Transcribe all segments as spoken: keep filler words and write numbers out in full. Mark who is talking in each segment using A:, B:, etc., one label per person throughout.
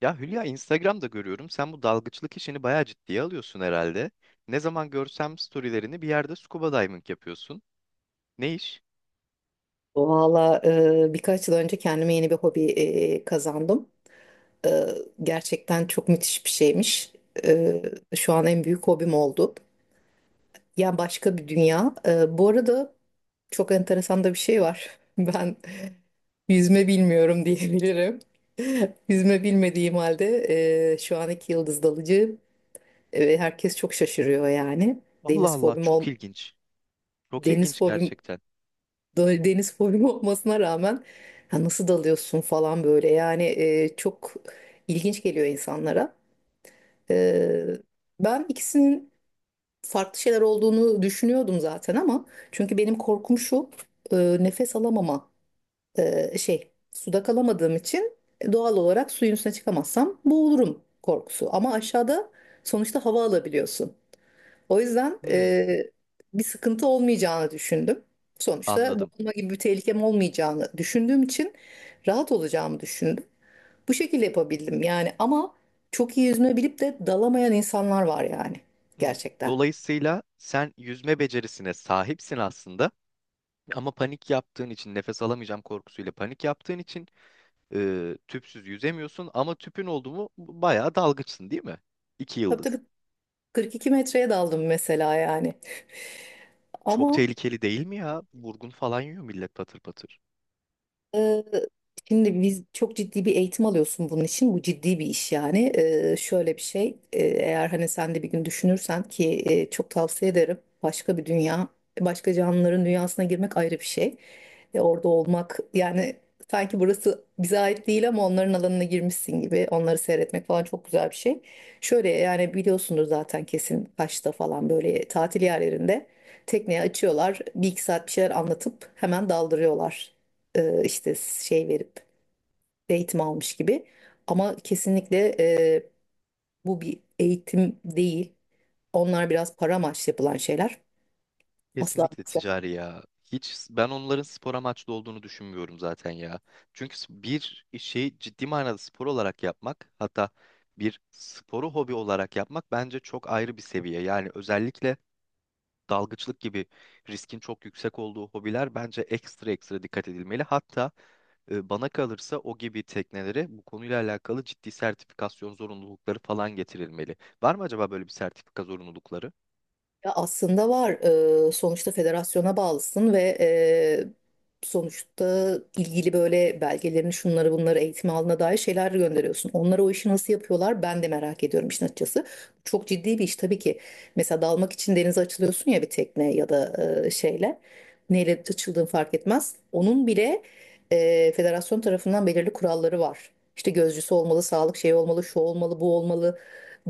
A: Ya Hülya, Instagram'da görüyorum. Sen bu dalgıçlık işini bayağı ciddiye alıyorsun herhalde. Ne zaman görsem storylerini bir yerde scuba diving yapıyorsun. Ne iş?
B: Valla, e, birkaç yıl önce kendime yeni bir hobi e, kazandım. E, Gerçekten çok müthiş bir şeymiş. E, Şu an en büyük hobim oldu. Ya, başka bir dünya. E, bu arada çok enteresan da bir şey var. Ben yüzme bilmiyorum diyebilirim. Yüzme bilmediğim halde e, şu an iki yıldız dalıcı ve herkes çok şaşırıyor yani.
A: Allah
B: Deniz
A: Allah,
B: fobim
A: çok
B: ol,
A: ilginç. Çok
B: deniz
A: ilginç
B: fobim
A: gerçekten.
B: da- deniz fobim olmasına rağmen, Ha, nasıl dalıyorsun falan, böyle yani, e, çok ilginç geliyor insanlara. E, Ben ikisinin farklı şeyler olduğunu düşünüyordum zaten, ama çünkü benim korkum şu: e, nefes alamama, e, şey, suda kalamadığım için e, doğal olarak suyun üstüne çıkamazsam boğulurum korkusu, ama aşağıda sonuçta hava alabiliyorsun. O yüzden
A: Hmm,
B: e, bir sıkıntı olmayacağını düşündüm. Sonuçta
A: anladım.
B: boğulma gibi bir tehlikem olmayacağını düşündüğüm için rahat olacağımı düşündüm. Bu şekilde yapabildim yani. Ama çok iyi yüzme bilip de dalamayan insanlar var yani,
A: Hmm.
B: gerçekten.
A: Dolayısıyla sen yüzme becerisine sahipsin aslında. Ama panik yaptığın için, nefes alamayacağım korkusuyla panik yaptığın için e, tüpsüz yüzemiyorsun. Ama tüpün oldu mu bayağı dalgıçsın, değil mi? İki
B: Tabii
A: yıldız.
B: tabii, kırk iki metreye daldım mesela yani.
A: Çok
B: Ama
A: tehlikeli değil mi ya? Vurgun falan yiyor millet, patır patır.
B: Ee, şimdi biz, çok ciddi bir eğitim alıyorsun bunun için. Bu ciddi bir iş yani. Ee, şöyle bir şey. E, eğer hani sen de bir gün düşünürsen ki, e, çok tavsiye ederim. Başka bir dünya, başka canlıların dünyasına girmek ayrı bir şey. E, orada olmak yani, sanki burası bize ait değil ama onların alanına girmişsin gibi. Onları seyretmek falan çok güzel bir şey. Şöyle yani, biliyorsundur zaten kesin, Kaş'ta falan böyle tatil yerlerinde tekneye açıyorlar. Bir iki saat bir şeyler anlatıp hemen daldırıyorlar, e, işte şey verip eğitim almış gibi. Ama kesinlikle e, bu bir eğitim değil. Onlar biraz para amaçlı yapılan şeyler. Asla
A: Kesinlikle
B: asla.
A: ticari ya. Hiç ben onların spor amaçlı olduğunu düşünmüyorum zaten ya. Çünkü s- bir şeyi ciddi manada spor olarak yapmak, hatta bir sporu hobi olarak yapmak bence çok ayrı bir seviye. Yani özellikle dalgıçlık gibi riskin çok yüksek olduğu hobiler bence ekstra ekstra dikkat edilmeli. Hatta e, bana kalırsa o gibi teknelere bu konuyla alakalı ciddi sertifikasyon zorunlulukları falan getirilmeli. Var mı acaba böyle bir sertifika zorunlulukları?
B: Ya, aslında var. Ee, sonuçta federasyona bağlısın ve e, sonuçta ilgili böyle belgelerini, şunları bunları, eğitim alanına dair şeyler gönderiyorsun. Onlar o işi nasıl yapıyorlar ben de merak ediyorum işin açıkçası. Çok ciddi bir iş tabii ki. Mesela dalmak için denize açılıyorsun ya, bir tekne ya da e, şeyle. Neyle açıldığın fark etmez. Onun bile e, federasyon tarafından belirli kuralları var. İşte gözcüsü olmalı, sağlık şeyi olmalı, şu olmalı, bu olmalı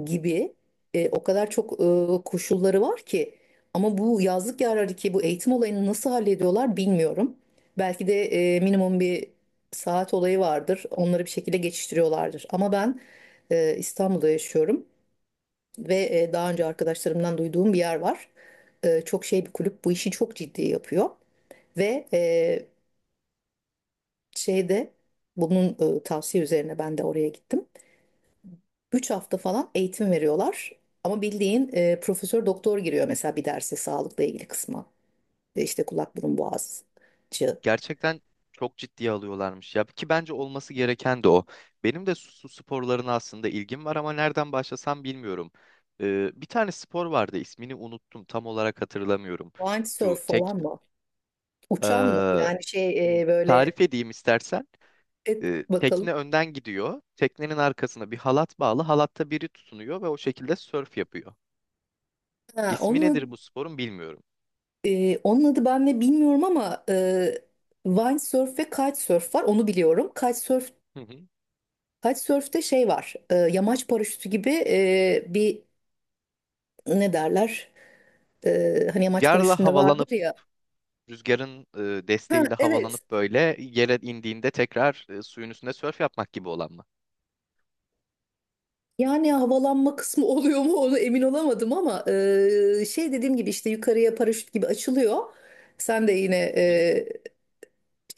B: gibi. E, o kadar çok e, koşulları var ki, ama bu yazlık yerlerdeki bu eğitim olayını nasıl hallediyorlar bilmiyorum. Belki de e, minimum bir saat olayı vardır. Onları bir şekilde geçiştiriyorlardır. Ama ben e, İstanbul'da yaşıyorum ve e, daha önce arkadaşlarımdan duyduğum bir yer var. E, çok şey bir kulüp, bu işi çok ciddi yapıyor ve e, şeyde bunun e, tavsiye üzerine ben de oraya gittim. Üç hafta falan eğitim veriyorlar. Ama bildiğin e, profesör doktor giriyor mesela bir derse, sağlıkla ilgili kısma. E, İşte kulak burun boğazcı.
A: Gerçekten çok ciddiye alıyorlarmış ya, ki bence olması gereken de o. Benim de su, su sporlarına aslında ilgim var ama nereden başlasam bilmiyorum. Ee, bir tane spor vardı, ismini unuttum, tam olarak hatırlamıyorum.
B: Windsurf
A: Şu tek
B: falan mı? Uçan mı?
A: eee,
B: Yani şey, e, böyle
A: tarif edeyim istersen.
B: et
A: Ee,
B: bakalım.
A: tekne önden gidiyor. Teknenin arkasına bir halat bağlı. Halatta biri tutunuyor ve o şekilde sörf yapıyor.
B: Ha,
A: İsmi nedir
B: onun,
A: bu sporun, bilmiyorum.
B: e, onun adı ben de bilmiyorum ama e, windsurf ve kitesurf var. Onu biliyorum. Kitesurf,
A: Hı hı.
B: kitesurf'te şey var. E, yamaç paraşütü gibi e, bir, ne derler? E, hani yamaç
A: Rüzgarla
B: paraşütünde
A: havalanıp
B: vardır ya.
A: rüzgarın e,
B: Ha,
A: desteğiyle
B: evet.
A: havalanıp böyle yere indiğinde tekrar e, suyun üstünde sörf yapmak gibi olan mı?
B: Yani havalanma kısmı oluyor mu onu emin olamadım ama, e, şey, dediğim gibi işte yukarıya paraşüt gibi açılıyor. Sen de yine
A: Hı hı.
B: e,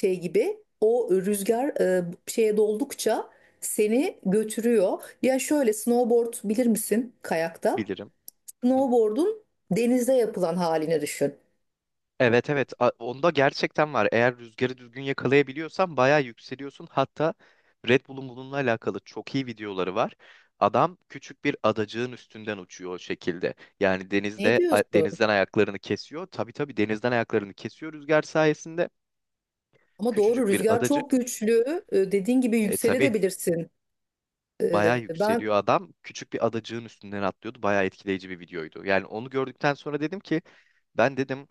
B: şey gibi, o rüzgar e, şeye doldukça seni götürüyor. Ya şöyle, snowboard bilir misin kayakta?
A: Bilirim. Hı.
B: Snowboard'un denizde yapılan halini düşün.
A: Evet, evet. A- onda gerçekten var. Eğer rüzgarı düzgün yakalayabiliyorsan bayağı yükseliyorsun. Hatta Red Bull'un bununla alakalı çok iyi videoları var. Adam küçük bir adacığın üstünden uçuyor o şekilde. Yani
B: Ne
A: denizde a-
B: diyorsun?
A: denizden ayaklarını kesiyor. Tabii, tabii, denizden ayaklarını kesiyor rüzgar sayesinde.
B: Ama doğru,
A: Küçücük bir
B: rüzgar çok
A: adacık.
B: güçlü. E, dediğin gibi
A: E tabii,
B: yükselebilirsin.
A: bayağı
B: E, ben,
A: yükseliyor adam. Küçük bir adacığın üstünden atlıyordu. Bayağı etkileyici bir videoydu. Yani onu gördükten sonra dedim ki, ben dedim,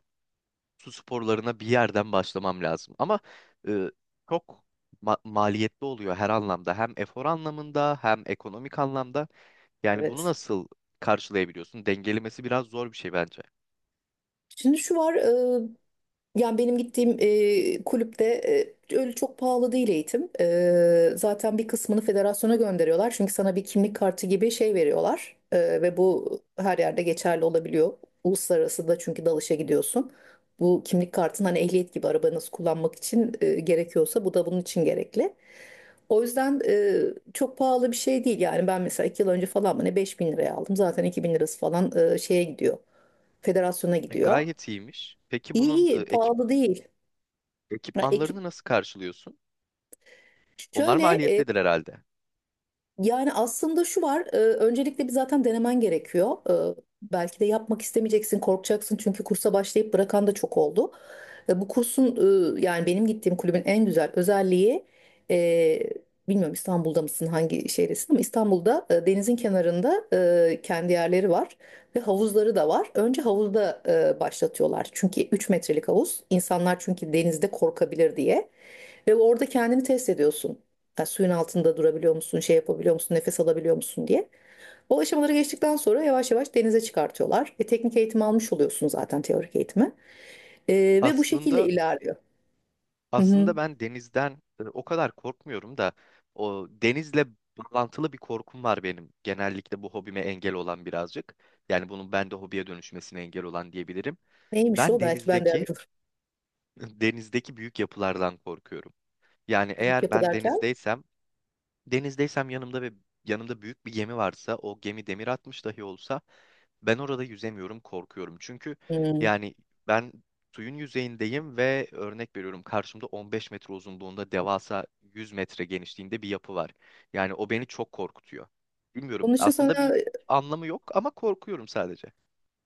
A: su sporlarına bir yerden başlamam lazım. Ama e, çok ma- maliyetli oluyor her anlamda. Hem efor anlamında hem ekonomik anlamda. Yani bunu
B: evet.
A: nasıl karşılayabiliyorsun? Dengelemesi biraz zor bir şey bence.
B: Şimdi şu var. Yani benim gittiğim e, kulüpte e, öyle çok pahalı değil eğitim. E, zaten bir kısmını federasyona gönderiyorlar. Çünkü sana bir kimlik kartı gibi şey veriyorlar. E, ve bu her yerde geçerli olabiliyor. Uluslararası da, çünkü dalışa gidiyorsun. Bu kimlik kartın hani ehliyet gibi arabanızı kullanmak için e, gerekiyorsa, bu da bunun için gerekli. O yüzden e, çok pahalı bir şey değil. Yani ben mesela iki yıl önce falan mı ne, beş bin liraya aldım. Zaten iki bin lirası falan e, şeye gidiyor. Federasyona
A: E,
B: gidiyor.
A: Gayet iyiymiş. Peki
B: İyi
A: bunun e,
B: iyi,
A: ekip,
B: pahalı değil. Ya, ekip
A: ekipmanlarını nasıl karşılıyorsun? Onlar
B: Şöyle, e,
A: maliyetlidir herhalde.
B: yani aslında şu var: e, öncelikle bir zaten denemen gerekiyor. E, Belki de yapmak istemeyeceksin, korkacaksın, çünkü kursa başlayıp bırakan da çok oldu. E, bu kursun, e, yani benim gittiğim kulübün en güzel özelliği, e, bilmiyorum İstanbul'da mısın hangi şehirdesin, ama İstanbul'da e, denizin kenarında e, kendi yerleri var ve havuzları da var. Önce havuzda e, başlatıyorlar, çünkü üç metrelik havuz. İnsanlar çünkü denizde korkabilir diye. Ve orada kendini test ediyorsun. Ya suyun altında durabiliyor musun, şey yapabiliyor musun, nefes alabiliyor musun diye. O aşamaları geçtikten sonra yavaş yavaş denize çıkartıyorlar. E, teknik eğitim almış oluyorsun zaten, teorik eğitimi. E, Ve bu şekilde
A: Aslında
B: ilerliyor. Hı hı.
A: Aslında ben denizden e, o kadar korkmuyorum da o denizle bağlantılı bir korkum var benim. Genellikle bu hobime engel olan birazcık. Yani bunun bende hobiye dönüşmesine engel olan diyebilirim.
B: Neymiş
A: Ben
B: o? Belki ben de
A: denizdeki
B: yardımcı olurum.
A: denizdeki büyük yapılardan korkuyorum. Yani
B: Büyük
A: eğer
B: yapı
A: ben
B: derken?
A: denizdeysem Denizdeysem yanımda ve yanımda büyük bir gemi varsa, o gemi demir atmış dahi olsa ben orada yüzemiyorum, korkuyorum. Çünkü
B: Hı.
A: yani ben suyun yüzeyindeyim ve örnek veriyorum, karşımda on beş metre uzunluğunda devasa yüz metre genişliğinde bir yapı var. Yani o beni çok korkutuyor. Bilmiyorum.
B: Onun için
A: Aslında
B: sana
A: bir anlamı yok ama korkuyorum sadece.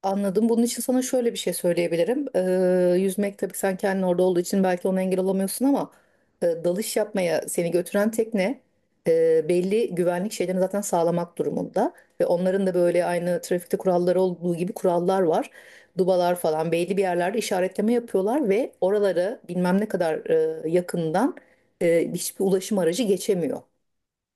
B: Anladım. Bunun için sana şöyle bir şey söyleyebilirim. Ee, yüzmek tabii, sen kendin orada olduğu için belki ona engel olamıyorsun ama e, dalış yapmaya seni götüren tekne e, belli güvenlik şeylerini zaten sağlamak durumunda. Ve onların da böyle aynı trafikte kuralları olduğu gibi kurallar var. Dubalar falan belli bir yerlerde işaretleme yapıyorlar ve oraları bilmem ne kadar e, yakından e, hiçbir ulaşım aracı geçemiyor.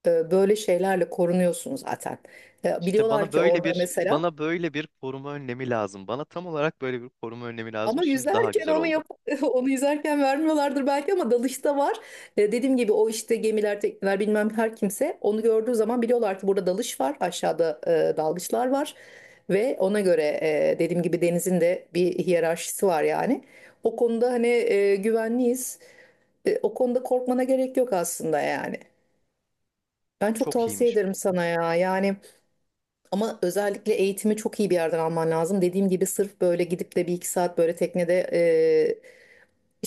B: E, böyle şeylerle korunuyorsun zaten. E,
A: İşte
B: biliyorlar
A: bana
B: ki
A: böyle
B: orada
A: bir
B: mesela...
A: bana böyle bir koruma önlemi lazım. Bana tam olarak böyle bir koruma önlemi
B: Ama
A: lazım. Şimdi daha
B: yüzerken
A: güzel
B: onu
A: oldu.
B: yap onu yüzerken vermiyorlardır belki, ama dalışta var. E, dediğim gibi o işte gemiler, tekneler, bilmem her kimse onu gördüğü zaman biliyorlar ki burada dalış var, aşağıda e, dalgıçlar var ve ona göre, e, dediğim gibi denizin de bir hiyerarşisi var yani. O konuda hani e, güvenliyiz. E, o konuda korkmana gerek yok aslında yani. Ben çok
A: Çok
B: tavsiye
A: iyiymiş.
B: ederim sana ya. Yani ama özellikle eğitimi çok iyi bir yerden alman lazım. Dediğim gibi sırf böyle gidip de bir iki saat böyle teknede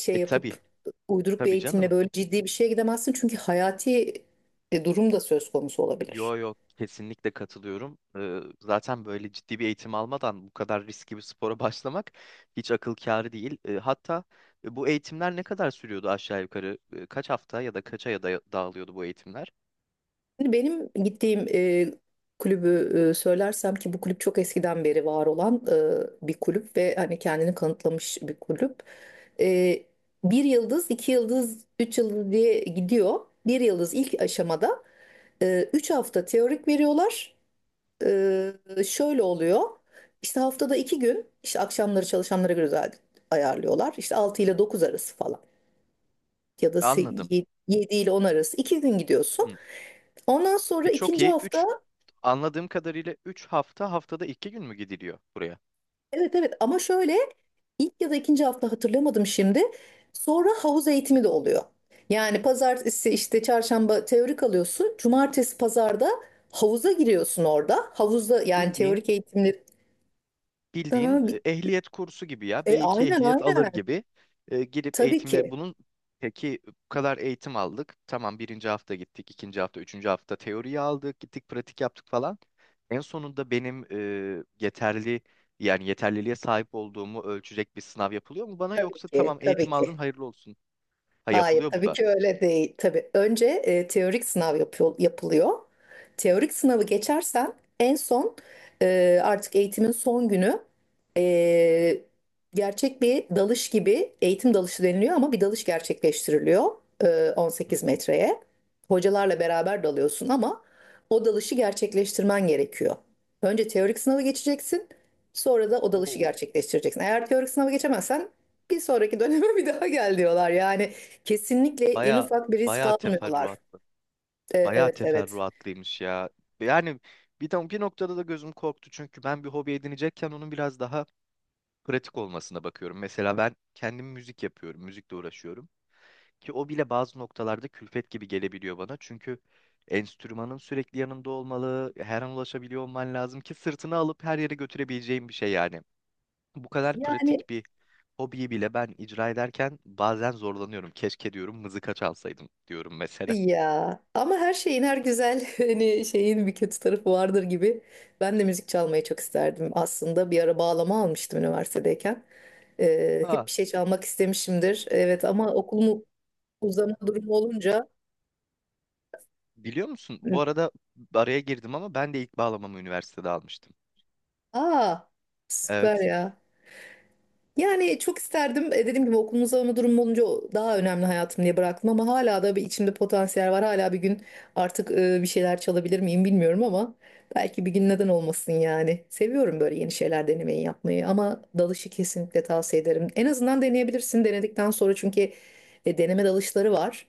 B: şey
A: E
B: yapıp,
A: tabii.
B: uyduruk bir
A: Tabii
B: eğitimle
A: canım.
B: böyle ciddi bir şeye gidemezsin. Çünkü hayati e, durum da söz konusu
A: Yo,
B: olabilir.
A: yo, kesinlikle katılıyorum. Ee, zaten böyle ciddi bir eğitim almadan bu kadar riskli bir spora başlamak hiç akıl kârı değil. Ee, hatta e, bu eğitimler ne kadar sürüyordu aşağı yukarı? Ee, kaç hafta ya da kaça ya da dağılıyordu bu eğitimler?
B: Şimdi benim gittiğim e, kulübü e, söylersem ki, bu kulüp çok eskiden beri var olan e, bir kulüp ve hani kendini kanıtlamış bir kulüp. E, Bir yıldız, iki yıldız, üç yıldız diye gidiyor. Bir yıldız ilk aşamada e, üç hafta teorik veriyorlar. Ee, Şöyle oluyor. İşte haftada iki gün, işte akşamları çalışanlara göre zaten ayarlıyorlar. İşte altı ile dokuz arası falan ya da
A: Anladım.
B: yedi ile on arası, iki gün gidiyorsun.
A: Hı.
B: Ondan sonra
A: E çok
B: ikinci
A: iyi.
B: hafta...
A: üç, anladığım kadarıyla üç hafta haftada iki gün mü gidiliyor buraya?
B: Evet evet, ama şöyle, ilk ya da ikinci hafta hatırlamadım şimdi. Sonra havuz eğitimi de oluyor. Yani pazartesi işte çarşamba teorik alıyorsun. Cumartesi pazarda havuza giriyorsun orada. Havuzda yani,
A: Bildiğin
B: teorik eğitimleri. Aha,
A: bildiğin e,
B: bir-
A: ehliyet kursu gibi ya.
B: e,
A: be iki
B: aynen
A: ehliyet alır
B: aynen.
A: gibi e, gidip
B: Tabii
A: eğitimle
B: ki.
A: bunun. Peki bu kadar eğitim aldık. Tamam, birinci hafta gittik, ikinci hafta, üçüncü hafta teoriyi aldık, gittik pratik yaptık falan. En sonunda benim e, yeterli yani yeterliliğe sahip olduğumu ölçecek bir sınav yapılıyor mu bana,
B: Tabii
A: yoksa
B: ki.
A: tamam,
B: Tabii
A: eğitim aldın,
B: ki.
A: hayırlı olsun. Ha,
B: Hayır,
A: yapılıyor bu
B: tabii
A: da.
B: ki öyle değil. Tabii önce e, teorik sınav yapıyor, yapılıyor. Teorik sınavı geçersen en son, e, artık eğitimin son günü, e, gerçek bir dalış gibi, eğitim dalışı deniliyor ama bir dalış gerçekleştiriliyor e, on sekiz metreye. Hocalarla beraber dalıyorsun ama o dalışı gerçekleştirmen gerekiyor. Önce teorik sınavı geçeceksin, sonra da o dalışı
A: Oo,
B: gerçekleştireceksin. Eğer teorik sınavı geçemezsen bir sonraki döneme bir daha gel diyorlar. Yani kesinlikle en
A: baya
B: ufak bir risk
A: baya
B: almıyorlar.
A: teferruat.
B: E,
A: Bayağı
B: evet evet.
A: teferruatlıymış ya. Yani bir, de- bir noktada da gözüm korktu, çünkü ben bir hobi edinecekken onun biraz daha pratik olmasına bakıyorum. Mesela ben kendim müzik yapıyorum, müzikle uğraşıyorum. Ki o bile bazı noktalarda külfet gibi gelebiliyor bana. Çünkü enstrümanın sürekli yanında olmalı, her an ulaşabiliyor olman lazım ki sırtını alıp her yere götürebileceğin bir şey yani. Bu kadar
B: Yani
A: pratik bir hobiyi bile ben icra ederken bazen zorlanıyorum. Keşke diyorum, mızıka çalsaydım diyorum mesela.
B: ya, ama her şeyin, her güzel hani şeyin bir kötü tarafı vardır gibi. Ben de müzik çalmayı çok isterdim aslında. Bir ara bağlama almıştım üniversitedeyken. Ee, hep
A: Ha.
B: bir şey çalmak istemişimdir. Evet ama okulumu uzama durumu olunca.
A: Biliyor musun? Bu arada araya girdim ama ben de ilk bağlamamı üniversitede almıştım.
B: Aa, süper
A: Evet.
B: ya. Yani çok isterdim. E, Dediğim gibi okulun uzama durumu olunca o daha önemli hayatım diye bıraktım, ama hala da bir içimde potansiyel var. Hala bir gün artık e, bir şeyler çalabilir miyim bilmiyorum, ama belki bir gün, neden olmasın yani. Seviyorum böyle yeni şeyler denemeyi, yapmayı, ama dalışı kesinlikle tavsiye ederim. En azından deneyebilirsin denedikten sonra, çünkü e, deneme dalışları var.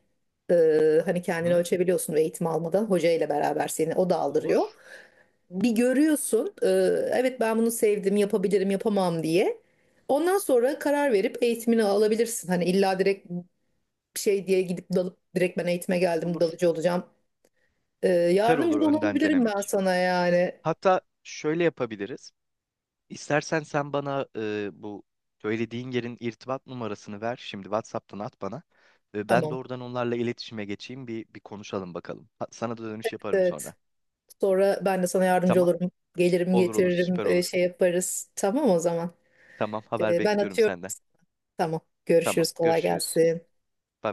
B: E, Hani kendini
A: Hı?
B: ölçebiliyorsun ve eğitim almadan hoca ile beraber seni o da aldırıyor.
A: Olur.
B: Bir görüyorsun, e, evet ben bunu sevdim, yapabilirim, yapamam diye. Ondan sonra karar verip eğitimini alabilirsin. Hani illa direkt şey diye gidip dalıp direkt, ben eğitime geldim
A: Olur.
B: dalıcı olacağım. Ee,
A: Süper olur
B: yardımcı da
A: önden
B: olabilirim ben
A: denemek.
B: sana yani.
A: Hatta şöyle yapabiliriz. İstersen sen bana e, bu söylediğin yerin irtibat numarasını ver. Şimdi WhatsApp'tan at bana. E, ben
B: Tamam.
A: doğrudan onlarla iletişime geçeyim. Bir, bir konuşalım bakalım. Ha- sana da dönüş yaparım
B: Evet.
A: sonra.
B: Sonra ben de sana yardımcı
A: Tamam.
B: olurum. Gelirim
A: Olur, olur,
B: getiririm,
A: süper
B: e,
A: olur.
B: şey yaparız. Tamam o zaman.
A: Tamam, haber
B: Ee, ben
A: bekliyorum
B: atıyorum.
A: senden.
B: Tamam.
A: Tamam,
B: Görüşürüz. Kolay
A: görüşürüz.
B: gelsin.
A: Bay bay.